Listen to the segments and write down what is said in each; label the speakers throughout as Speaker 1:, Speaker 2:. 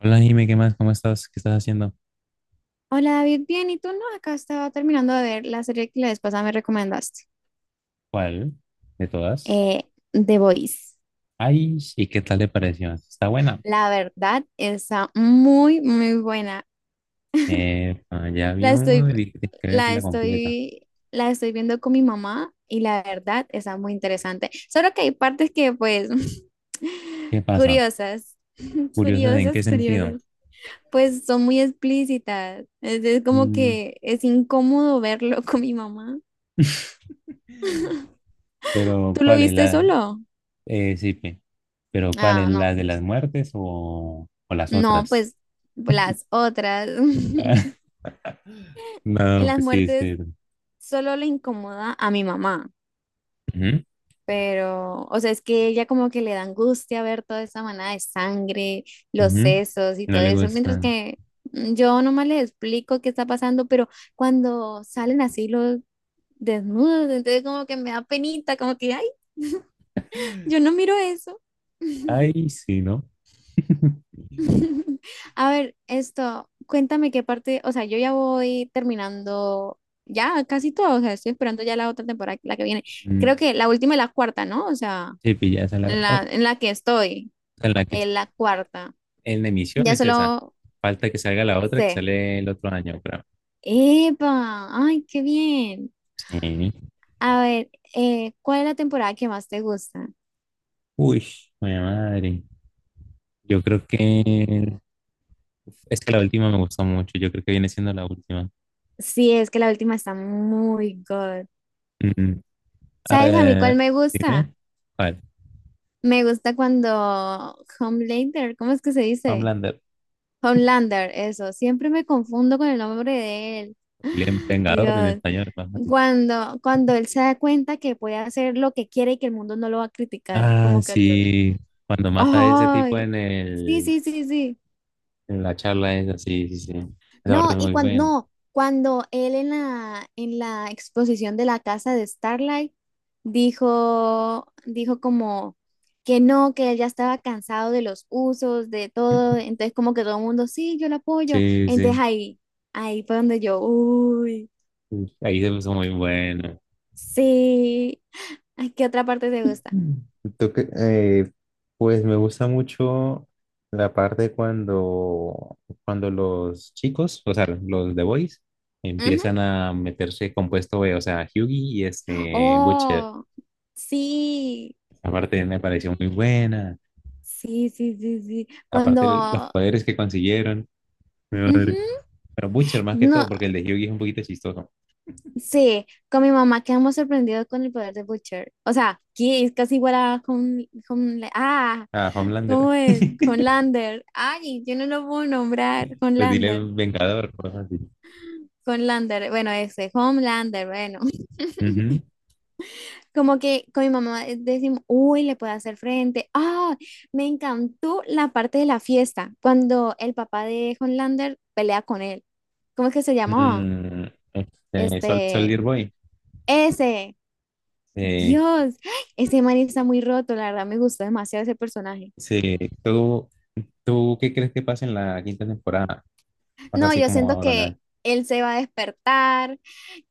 Speaker 1: Hola, Jime, ¿qué más? ¿Cómo estás? ¿Qué estás haciendo?
Speaker 2: Hola David, bien, ¿y tú no? Acá estaba terminando de ver la serie que la vez pasada me recomendaste,
Speaker 1: ¿Cuál de todas?
Speaker 2: eh, The Voice.
Speaker 1: Ay, ¿y qué tal le pareció? Está buena.
Speaker 2: La verdad está muy, muy buena.
Speaker 1: Eh, ya
Speaker 2: La
Speaker 1: vio,
Speaker 2: estoy,
Speaker 1: dije que tienes que
Speaker 2: la
Speaker 1: vérsela completa.
Speaker 2: estoy, la estoy viendo con mi mamá y la verdad está muy interesante. Solo que hay partes que, pues,
Speaker 1: ¿Qué pasa?
Speaker 2: curiosas,
Speaker 1: Curiosa de en qué
Speaker 2: curiosas,
Speaker 1: sentido.
Speaker 2: curiosas. Pues son muy explícitas. Es como
Speaker 1: Mm,
Speaker 2: que es incómodo verlo con mi mamá.
Speaker 1: pero,
Speaker 2: ¿Tú lo
Speaker 1: ¿cuál es
Speaker 2: viste
Speaker 1: la?
Speaker 2: solo?
Speaker 1: Sí, pero ¿cuál es
Speaker 2: Ah, no,
Speaker 1: la de las
Speaker 2: pues.
Speaker 1: muertes o las
Speaker 2: No,
Speaker 1: otras?
Speaker 2: pues las otras. En
Speaker 1: No,
Speaker 2: las
Speaker 1: pues sí,
Speaker 2: muertes
Speaker 1: sí. Ujú,
Speaker 2: solo le incomoda a mi mamá, pero, o sea, es que ella como que le da angustia ver toda esa manada de sangre, los
Speaker 1: ujú.
Speaker 2: sesos y
Speaker 1: No
Speaker 2: todo
Speaker 1: le
Speaker 2: eso, mientras
Speaker 1: gustan.
Speaker 2: que yo nomás les explico qué está pasando, pero cuando salen así los desnudos, entonces como que me da penita, como que, ay, yo no miro eso.
Speaker 1: Ay, sí, ¿no?
Speaker 2: A ver, esto, cuéntame qué parte, o sea, yo ya voy terminando ya casi todo, o sea, estoy esperando ya la otra temporada, la que viene.
Speaker 1: Mm,
Speaker 2: Creo que la última y la cuarta, ¿no? O sea,
Speaker 1: sí, pilla, esa es la,
Speaker 2: en
Speaker 1: oh,
Speaker 2: la, en la que estoy,
Speaker 1: esa es la que
Speaker 2: en la cuarta.
Speaker 1: en la emisión
Speaker 2: Ya
Speaker 1: es esa.
Speaker 2: solo
Speaker 1: Falta que salga la otra que
Speaker 2: sé.
Speaker 1: sale el otro año, creo.
Speaker 2: ¡Epa! ¡Ay, qué bien!
Speaker 1: Sí.
Speaker 2: A ver, ¿cuál es la temporada que más te gusta?
Speaker 1: Uy, mi madre. Yo creo que es que la última me gustó mucho. Yo creo que viene siendo la última.
Speaker 2: Sí, es que la última está muy good.
Speaker 1: Mm,
Speaker 2: ¿Sabes a mí
Speaker 1: eh,
Speaker 2: cuál me gusta?
Speaker 1: dime. ¿Cuál?
Speaker 2: Me gusta cuando Homelander, ¿cómo es que se dice?
Speaker 1: Homelander.
Speaker 2: Homelander, eso. Siempre me confundo con el nombre de él.
Speaker 1: El Vengador en
Speaker 2: Dios.
Speaker 1: español. Más fácil.
Speaker 2: Cuando él se da cuenta que puede hacer lo que quiere y que el mundo no lo va a criticar.
Speaker 1: Ah,
Speaker 2: Como que... lo-
Speaker 1: sí. Cuando mata a ese tipo
Speaker 2: ¡Ay!
Speaker 1: en
Speaker 2: Sí,
Speaker 1: el,
Speaker 2: sí, sí, sí.
Speaker 1: en la charla es así, sí, sí. Esa parte
Speaker 2: No,
Speaker 1: es
Speaker 2: y
Speaker 1: muy
Speaker 2: cuando,
Speaker 1: buena.
Speaker 2: no, cuando él en la exposición de la casa de Starlight dijo como que no, que él ya estaba cansado de los usos, de todo, entonces como que todo el mundo, sí, yo lo apoyo.
Speaker 1: Sí,
Speaker 2: Entonces
Speaker 1: sí.
Speaker 2: ahí, ahí fue donde yo, uy,
Speaker 1: Ahí se puso muy bueno.
Speaker 2: sí. Ay, ¿qué otra parte te gusta?
Speaker 1: Mm. Tú que- eh, pues me gusta mucho la parte cuando, cuando los chicos, o sea, los The Boys,
Speaker 2: Ujú.
Speaker 1: empiezan a meterse compuesto B, o sea, Hyugi y este Butcher.
Speaker 2: Oh, sí,
Speaker 1: Aparte me pareció muy buena,
Speaker 2: sí, sí, sí, sí.
Speaker 1: aparte los
Speaker 2: Cuando,
Speaker 1: poderes que consiguieron. Mi madre.
Speaker 2: ujú,
Speaker 1: Pero Butcher más que todo,
Speaker 2: no,
Speaker 1: porque el de Hyugi es un poquito chistoso.
Speaker 2: sí, con mi mamá quedamos sorprendidos con el poder de Butcher. O sea, que es casi igual a con ah,
Speaker 1: Ah, Homelander,
Speaker 2: ¿cómo es? Con Lander. Ay, yo no lo puedo nombrar. Con
Speaker 1: pues dile
Speaker 2: Lander.
Speaker 1: Vengador, cosas así.
Speaker 2: Con Lander. Bueno, ese, Homelander, bueno.
Speaker 1: Ujú.
Speaker 2: Como que con mi mamá decimos, uy, le puedo hacer frente. Ah, me encantó la parte de la fiesta, cuando el papá de Homelander pelea con él. ¿Cómo es que se llamaba?
Speaker 1: Mm, este,
Speaker 2: Este,
Speaker 1: Soldier Boy.
Speaker 2: ese.
Speaker 1: Eh,
Speaker 2: Dios, ese man está muy roto, la verdad me gustó demasiado ese personaje.
Speaker 1: Sí, ¿tú, ¿Tú qué crees que pase en la quinta temporada? Pasa
Speaker 2: No,
Speaker 1: así
Speaker 2: yo
Speaker 1: como
Speaker 2: siento
Speaker 1: ahora,
Speaker 2: que
Speaker 1: ¿no?
Speaker 2: él se va a despertar,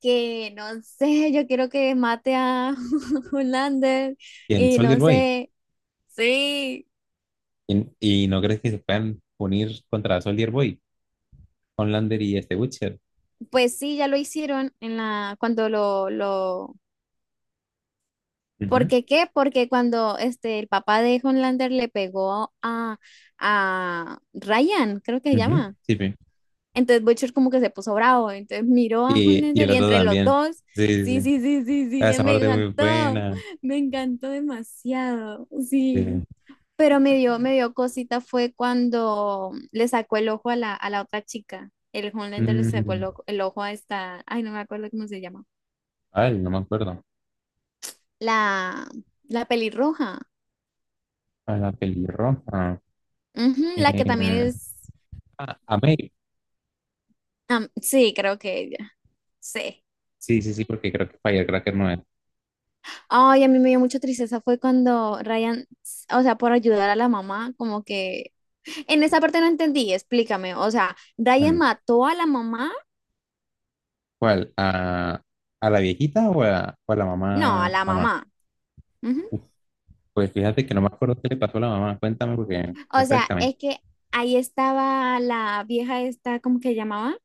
Speaker 2: que no sé, yo quiero que mate a Hulander
Speaker 1: ¿Y en
Speaker 2: y
Speaker 1: Soldier
Speaker 2: no
Speaker 1: Boy?
Speaker 2: sé. Sí,
Speaker 1: ¿Y, y no crees que se puedan unir contra Soldier Boy? Homelander y este Witcher.
Speaker 2: pues sí, ya lo hicieron en la cuando lo ¿Por
Speaker 1: Ujú,
Speaker 2: qué qué? Porque cuando este el papá de Hulander le pegó a Ryan, creo que se
Speaker 1: ujú,
Speaker 2: llama.
Speaker 1: sí, sí.
Speaker 2: Entonces Butcher como que se puso bravo, entonces miró a
Speaker 1: Y
Speaker 2: Homelander
Speaker 1: el
Speaker 2: y
Speaker 1: otro
Speaker 2: entre los
Speaker 1: también.
Speaker 2: dos,
Speaker 1: Sí, sí,
Speaker 2: sí,
Speaker 1: sí.
Speaker 2: sí, sí, sí,
Speaker 1: Ah,
Speaker 2: sí,
Speaker 1: esa
Speaker 2: me
Speaker 1: parte es muy
Speaker 2: encantó,
Speaker 1: buena.
Speaker 2: me encantó demasiado,
Speaker 1: Sí.
Speaker 2: sí. Pero me dio cosita fue cuando le sacó el ojo a la otra chica, el Homelander le sacó
Speaker 1: Mm,
Speaker 2: el ojo a esta, ay, no me acuerdo cómo se llama,
Speaker 1: ay, no me acuerdo.
Speaker 2: la, la pelirroja,
Speaker 1: A la pelirroja.
Speaker 2: ujú, la que también
Speaker 1: Eh,
Speaker 2: es,
Speaker 1: ah, a May.
Speaker 2: am- sí, creo que ella, sí.
Speaker 1: Sí, sí, sí, porque creo que Firecracker no es.
Speaker 2: Ay, a mí me dio mucha tristeza fue cuando Ryan, o sea, por ayudar a la mamá, como que en esa parte no entendí, explícame. O sea, Ryan
Speaker 1: Mm,
Speaker 2: mató a la mamá,
Speaker 1: ¿cuál? A la viejita o a la
Speaker 2: no, a
Speaker 1: mamá,
Speaker 2: la
Speaker 1: mamá?
Speaker 2: mamá. Ujú.
Speaker 1: Pues fíjate que no me acuerdo qué le pasó a la mamá. Cuéntame porque
Speaker 2: O sea,
Speaker 1: refrescame.
Speaker 2: es que ahí estaba la vieja esta, ¿cómo que llamaba?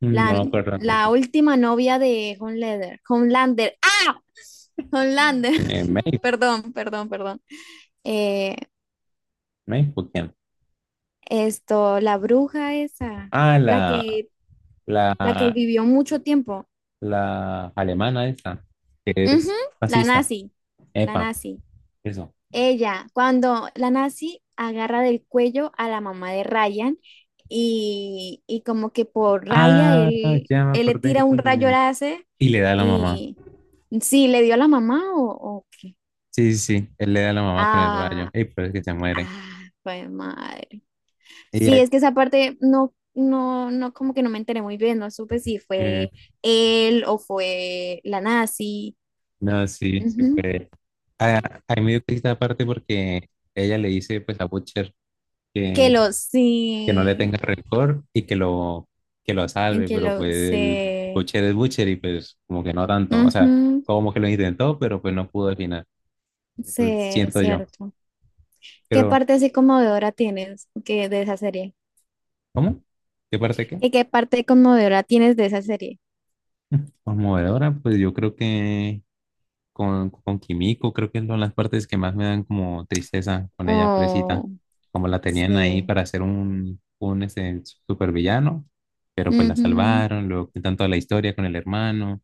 Speaker 1: Mm, no me
Speaker 2: La,
Speaker 1: acuerdo
Speaker 2: la
Speaker 1: tampoco.
Speaker 2: última novia de Homelander. Homelander. ¡Ah! Homelander.
Speaker 1: May,
Speaker 2: Perdón, perdón, perdón. Eh,
Speaker 1: May, ¿por quién?
Speaker 2: esto, la bruja esa,
Speaker 1: Ah,
Speaker 2: la que, la que
Speaker 1: la,
Speaker 2: vivió mucho tiempo.
Speaker 1: la alemana esa, que
Speaker 2: Ujú,
Speaker 1: es
Speaker 2: la
Speaker 1: fascista.
Speaker 2: nazi, la
Speaker 1: Epa,
Speaker 2: nazi.
Speaker 1: eso.
Speaker 2: Ella, cuando la nazi agarra del cuello a la mamá de Ryan y como que por rabia
Speaker 1: Ah,
Speaker 2: él,
Speaker 1: ya me
Speaker 2: él le
Speaker 1: acordé.
Speaker 2: tira un rayo láser
Speaker 1: Y le da a la mamá.
Speaker 2: y sí, le dio a la mamá o qué.
Speaker 1: Sí, sí, sí. Él le da a la mamá con el rayo.
Speaker 2: Ah,
Speaker 1: Y pero es que se muere.
Speaker 2: ah, pues madre.
Speaker 1: Y
Speaker 2: Sí,
Speaker 1: ahí-
Speaker 2: es que esa parte no, no, no, como que no me enteré muy bien, no supe si
Speaker 1: eh,
Speaker 2: fue él o fue la nazi.
Speaker 1: no, sí, se
Speaker 2: Ujú.
Speaker 1: fue. Ah, ahí me dio esta aparte porque ella le dice pues a Butcher,
Speaker 2: Que
Speaker 1: que
Speaker 2: los,
Speaker 1: que no le
Speaker 2: sí.
Speaker 1: tenga rencor y que lo
Speaker 2: En
Speaker 1: salve,
Speaker 2: que
Speaker 1: pero
Speaker 2: lo
Speaker 1: pues el
Speaker 2: se...
Speaker 1: Butcher es Butcher y pues como que no tanto, o sea,
Speaker 2: Ujú,
Speaker 1: como que lo intentó, pero pues no pudo al final.
Speaker 2: sí,
Speaker 1: Pues,
Speaker 2: es
Speaker 1: siento yo.
Speaker 2: cierto. ¿Qué
Speaker 1: Pero,
Speaker 2: parte así conmovedora tienes que, de esa serie?
Speaker 1: ¿cómo? ¿Qué parte qué?
Speaker 2: ¿Y qué parte conmovedora tienes de esa serie?
Speaker 1: Conmovedora, pues yo creo que con Kimiko, creo que son las partes que más me dan como tristeza con ella, presita,
Speaker 2: Oh,
Speaker 1: como la tenían ahí
Speaker 2: sí.
Speaker 1: para hacer un este, supervillano, pero pues la
Speaker 2: Ujú.
Speaker 1: salvaron, luego tanto la historia con el hermano,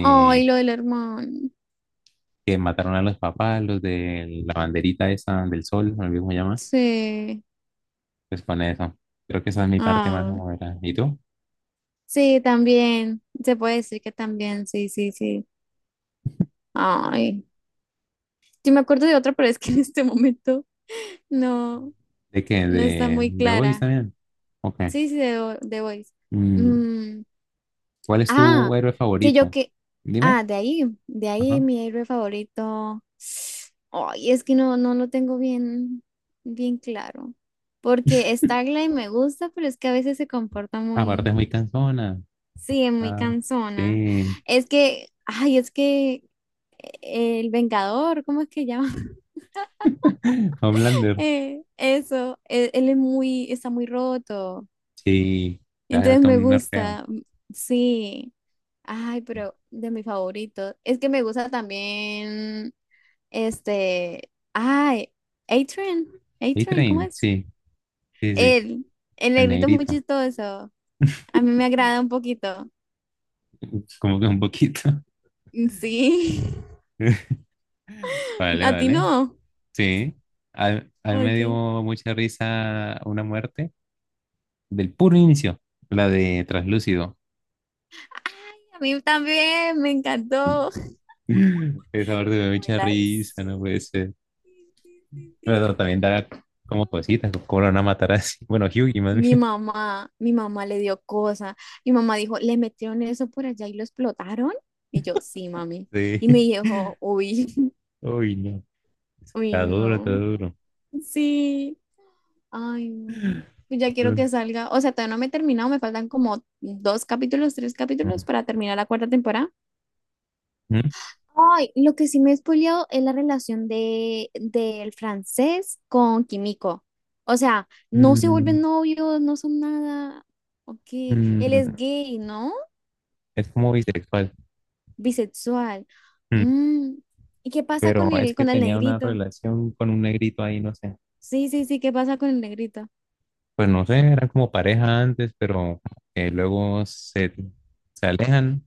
Speaker 2: Ay, lo del hermano.
Speaker 1: que mataron a los papás, los de la banderita esa del sol, no mismo llama,
Speaker 2: Sí.
Speaker 1: pues con eso. Creo que esa es mi parte más
Speaker 2: Ah,
Speaker 1: novela. ¿Y tú?
Speaker 2: sí, también. Se puede decir que también, sí, sí, sí. Ay. Sí me acuerdo de otra, pero es que en este momento no,
Speaker 1: ¿De qué?
Speaker 2: no está muy
Speaker 1: De hoy
Speaker 2: clara.
Speaker 1: también? Ok.
Speaker 2: Sí, sí, de, Vo- de Voice.
Speaker 1: Mm,
Speaker 2: Mm,
Speaker 1: ¿cuál es tu
Speaker 2: ah,
Speaker 1: héroe
Speaker 2: que yo
Speaker 1: favorito?
Speaker 2: que.
Speaker 1: Dime.
Speaker 2: Ah, de ahí
Speaker 1: Ajá.
Speaker 2: mi héroe favorito. Ay, es que no, no lo tengo bien, bien claro. Porque Starlight me gusta, pero es que a veces se comporta
Speaker 1: Aparte
Speaker 2: muy,
Speaker 1: es muy cansona.
Speaker 2: sí, es muy
Speaker 1: Ah,
Speaker 2: cansona.
Speaker 1: sí.
Speaker 2: Es que, ay, es que el Vengador, ¿cómo es que llama?
Speaker 1: Homelander.
Speaker 2: Eso, él es muy, está muy roto.
Speaker 1: Sí. Le hace
Speaker 2: Entonces
Speaker 1: falta
Speaker 2: me
Speaker 1: un nerfeo.
Speaker 2: gusta, mm, sí. Ay, pero de mi favorito. Es que me gusta también. Este, ay, Adrian, Adrian, ¿cómo
Speaker 1: A-Train.
Speaker 2: es?
Speaker 1: Sí. Sí, sí.
Speaker 2: Él el
Speaker 1: El
Speaker 2: negrito es muy
Speaker 1: negrito.
Speaker 2: chistoso. A mí me agrada un poquito.
Speaker 1: Como que un poquito.
Speaker 2: Mm, sí,
Speaker 1: Vale,
Speaker 2: a ti
Speaker 1: vale.
Speaker 2: no.
Speaker 1: Sí, a mí me
Speaker 2: Ok.
Speaker 1: dio
Speaker 2: Ay,
Speaker 1: mucha risa una muerte del puro inicio, la de Traslúcido.
Speaker 2: a mí también me encantó.
Speaker 1: Esa muerte me
Speaker 2: Qué
Speaker 1: dio mucha
Speaker 2: buena-
Speaker 1: risa,
Speaker 2: sí,
Speaker 1: no puede ser.
Speaker 2: sí, sí, sí, sí.
Speaker 1: Pero también da como cositas, cómo lo van a matar así. Bueno, Hyugi más bien.
Speaker 2: Mi mamá le dio cosa. Mi mamá dijo, le metieron eso por allá y lo explotaron. Y yo, sí, mami.
Speaker 1: Sí.
Speaker 2: Y me dijo, uy,
Speaker 1: Uy, no.
Speaker 2: uy,
Speaker 1: Está duro, está
Speaker 2: no.
Speaker 1: duro.
Speaker 2: Sí. Ay, no. Ya quiero
Speaker 1: Mm,
Speaker 2: que salga. O sea, todavía no me he terminado. Me faltan como dos capítulos, tres capítulos para terminar la cuarta temporada.
Speaker 1: mm,
Speaker 2: Ay, lo que sí me he spoileado es la relación de del francés con Kimiko. O sea, no se
Speaker 1: mm,
Speaker 2: vuelven novios, no son nada. Ok, él es
Speaker 1: mm.
Speaker 2: gay, ¿no?
Speaker 1: Es como bisexual.
Speaker 2: Bisexual.
Speaker 1: Mm.
Speaker 2: Mm, ¿y qué pasa
Speaker 1: Pero es que
Speaker 2: con el
Speaker 1: tenía una
Speaker 2: negrito?
Speaker 1: relación con un negrito ahí, no sé.
Speaker 2: Sí, sí, sí, ¿qué pasa con el negrito?
Speaker 1: Pues no sé, eran como pareja antes, pero luego se, se alejan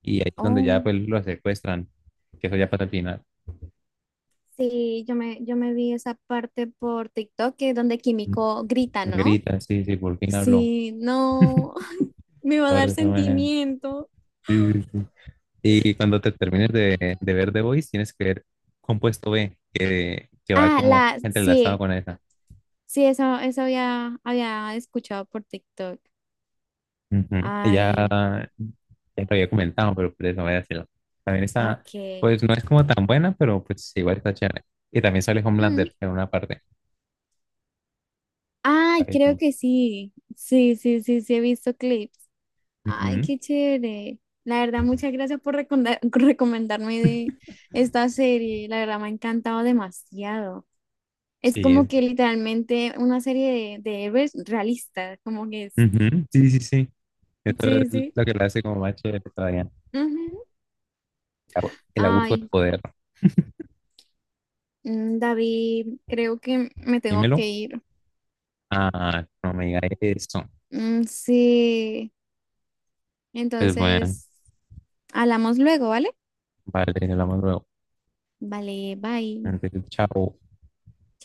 Speaker 1: y ahí es donde ya
Speaker 2: Oh.
Speaker 1: pues lo secuestran, que eso ya pasa al final.
Speaker 2: Sí, yo me vi esa parte por TikTok que es donde Químico grita, ¿no?
Speaker 1: Grita, sí, sí, por fin habló.
Speaker 2: Sí, no, me va a
Speaker 1: La verdad,
Speaker 2: dar
Speaker 1: esa manera.
Speaker 2: sentimiento.
Speaker 1: Sí, sí, sí. Y cuando te termines de ver The Voice, tienes que ver Compuesto B, que va
Speaker 2: Ah,
Speaker 1: como
Speaker 2: la,
Speaker 1: entrelazado
Speaker 2: sí,
Speaker 1: con esa.
Speaker 2: sí, eso había, había escuchado por TikTok.
Speaker 1: Ujú. Y
Speaker 2: Ay,
Speaker 1: ya, ya lo había comentado, pero por eso voy a decirlo. También está,
Speaker 2: ok.
Speaker 1: pues no es como tan buena, pero pues igual está chévere. Y también sale
Speaker 2: Mm.
Speaker 1: Homelander en una parte.
Speaker 2: Ay, creo
Speaker 1: Parece.
Speaker 2: que sí. Sí, sí, sí, sí, he visto clips. Ay,
Speaker 1: Ujú,
Speaker 2: qué chévere. La verdad, muchas gracias por recomenda- recomendarme de esta serie. La verdad, me ha encantado demasiado. Es
Speaker 1: sí,
Speaker 2: como que literalmente una serie de héroes realistas, como que es.
Speaker 1: ujú, sí, sí, sí. Esto es
Speaker 2: Sí, sí.
Speaker 1: lo que lo hace como más chévere todavía.
Speaker 2: Ujú.
Speaker 1: El abuso de
Speaker 2: Ay,
Speaker 1: poder.
Speaker 2: mm, David, creo que me tengo que
Speaker 1: Dímelo.
Speaker 2: ir.
Speaker 1: Ah, no me diga eso.
Speaker 2: Mm, sí,
Speaker 1: Pues bueno,
Speaker 2: entonces, hablamos luego, ¿vale?
Speaker 1: vale, hablamos luego.
Speaker 2: Vale, bye.
Speaker 1: Entonces, chao.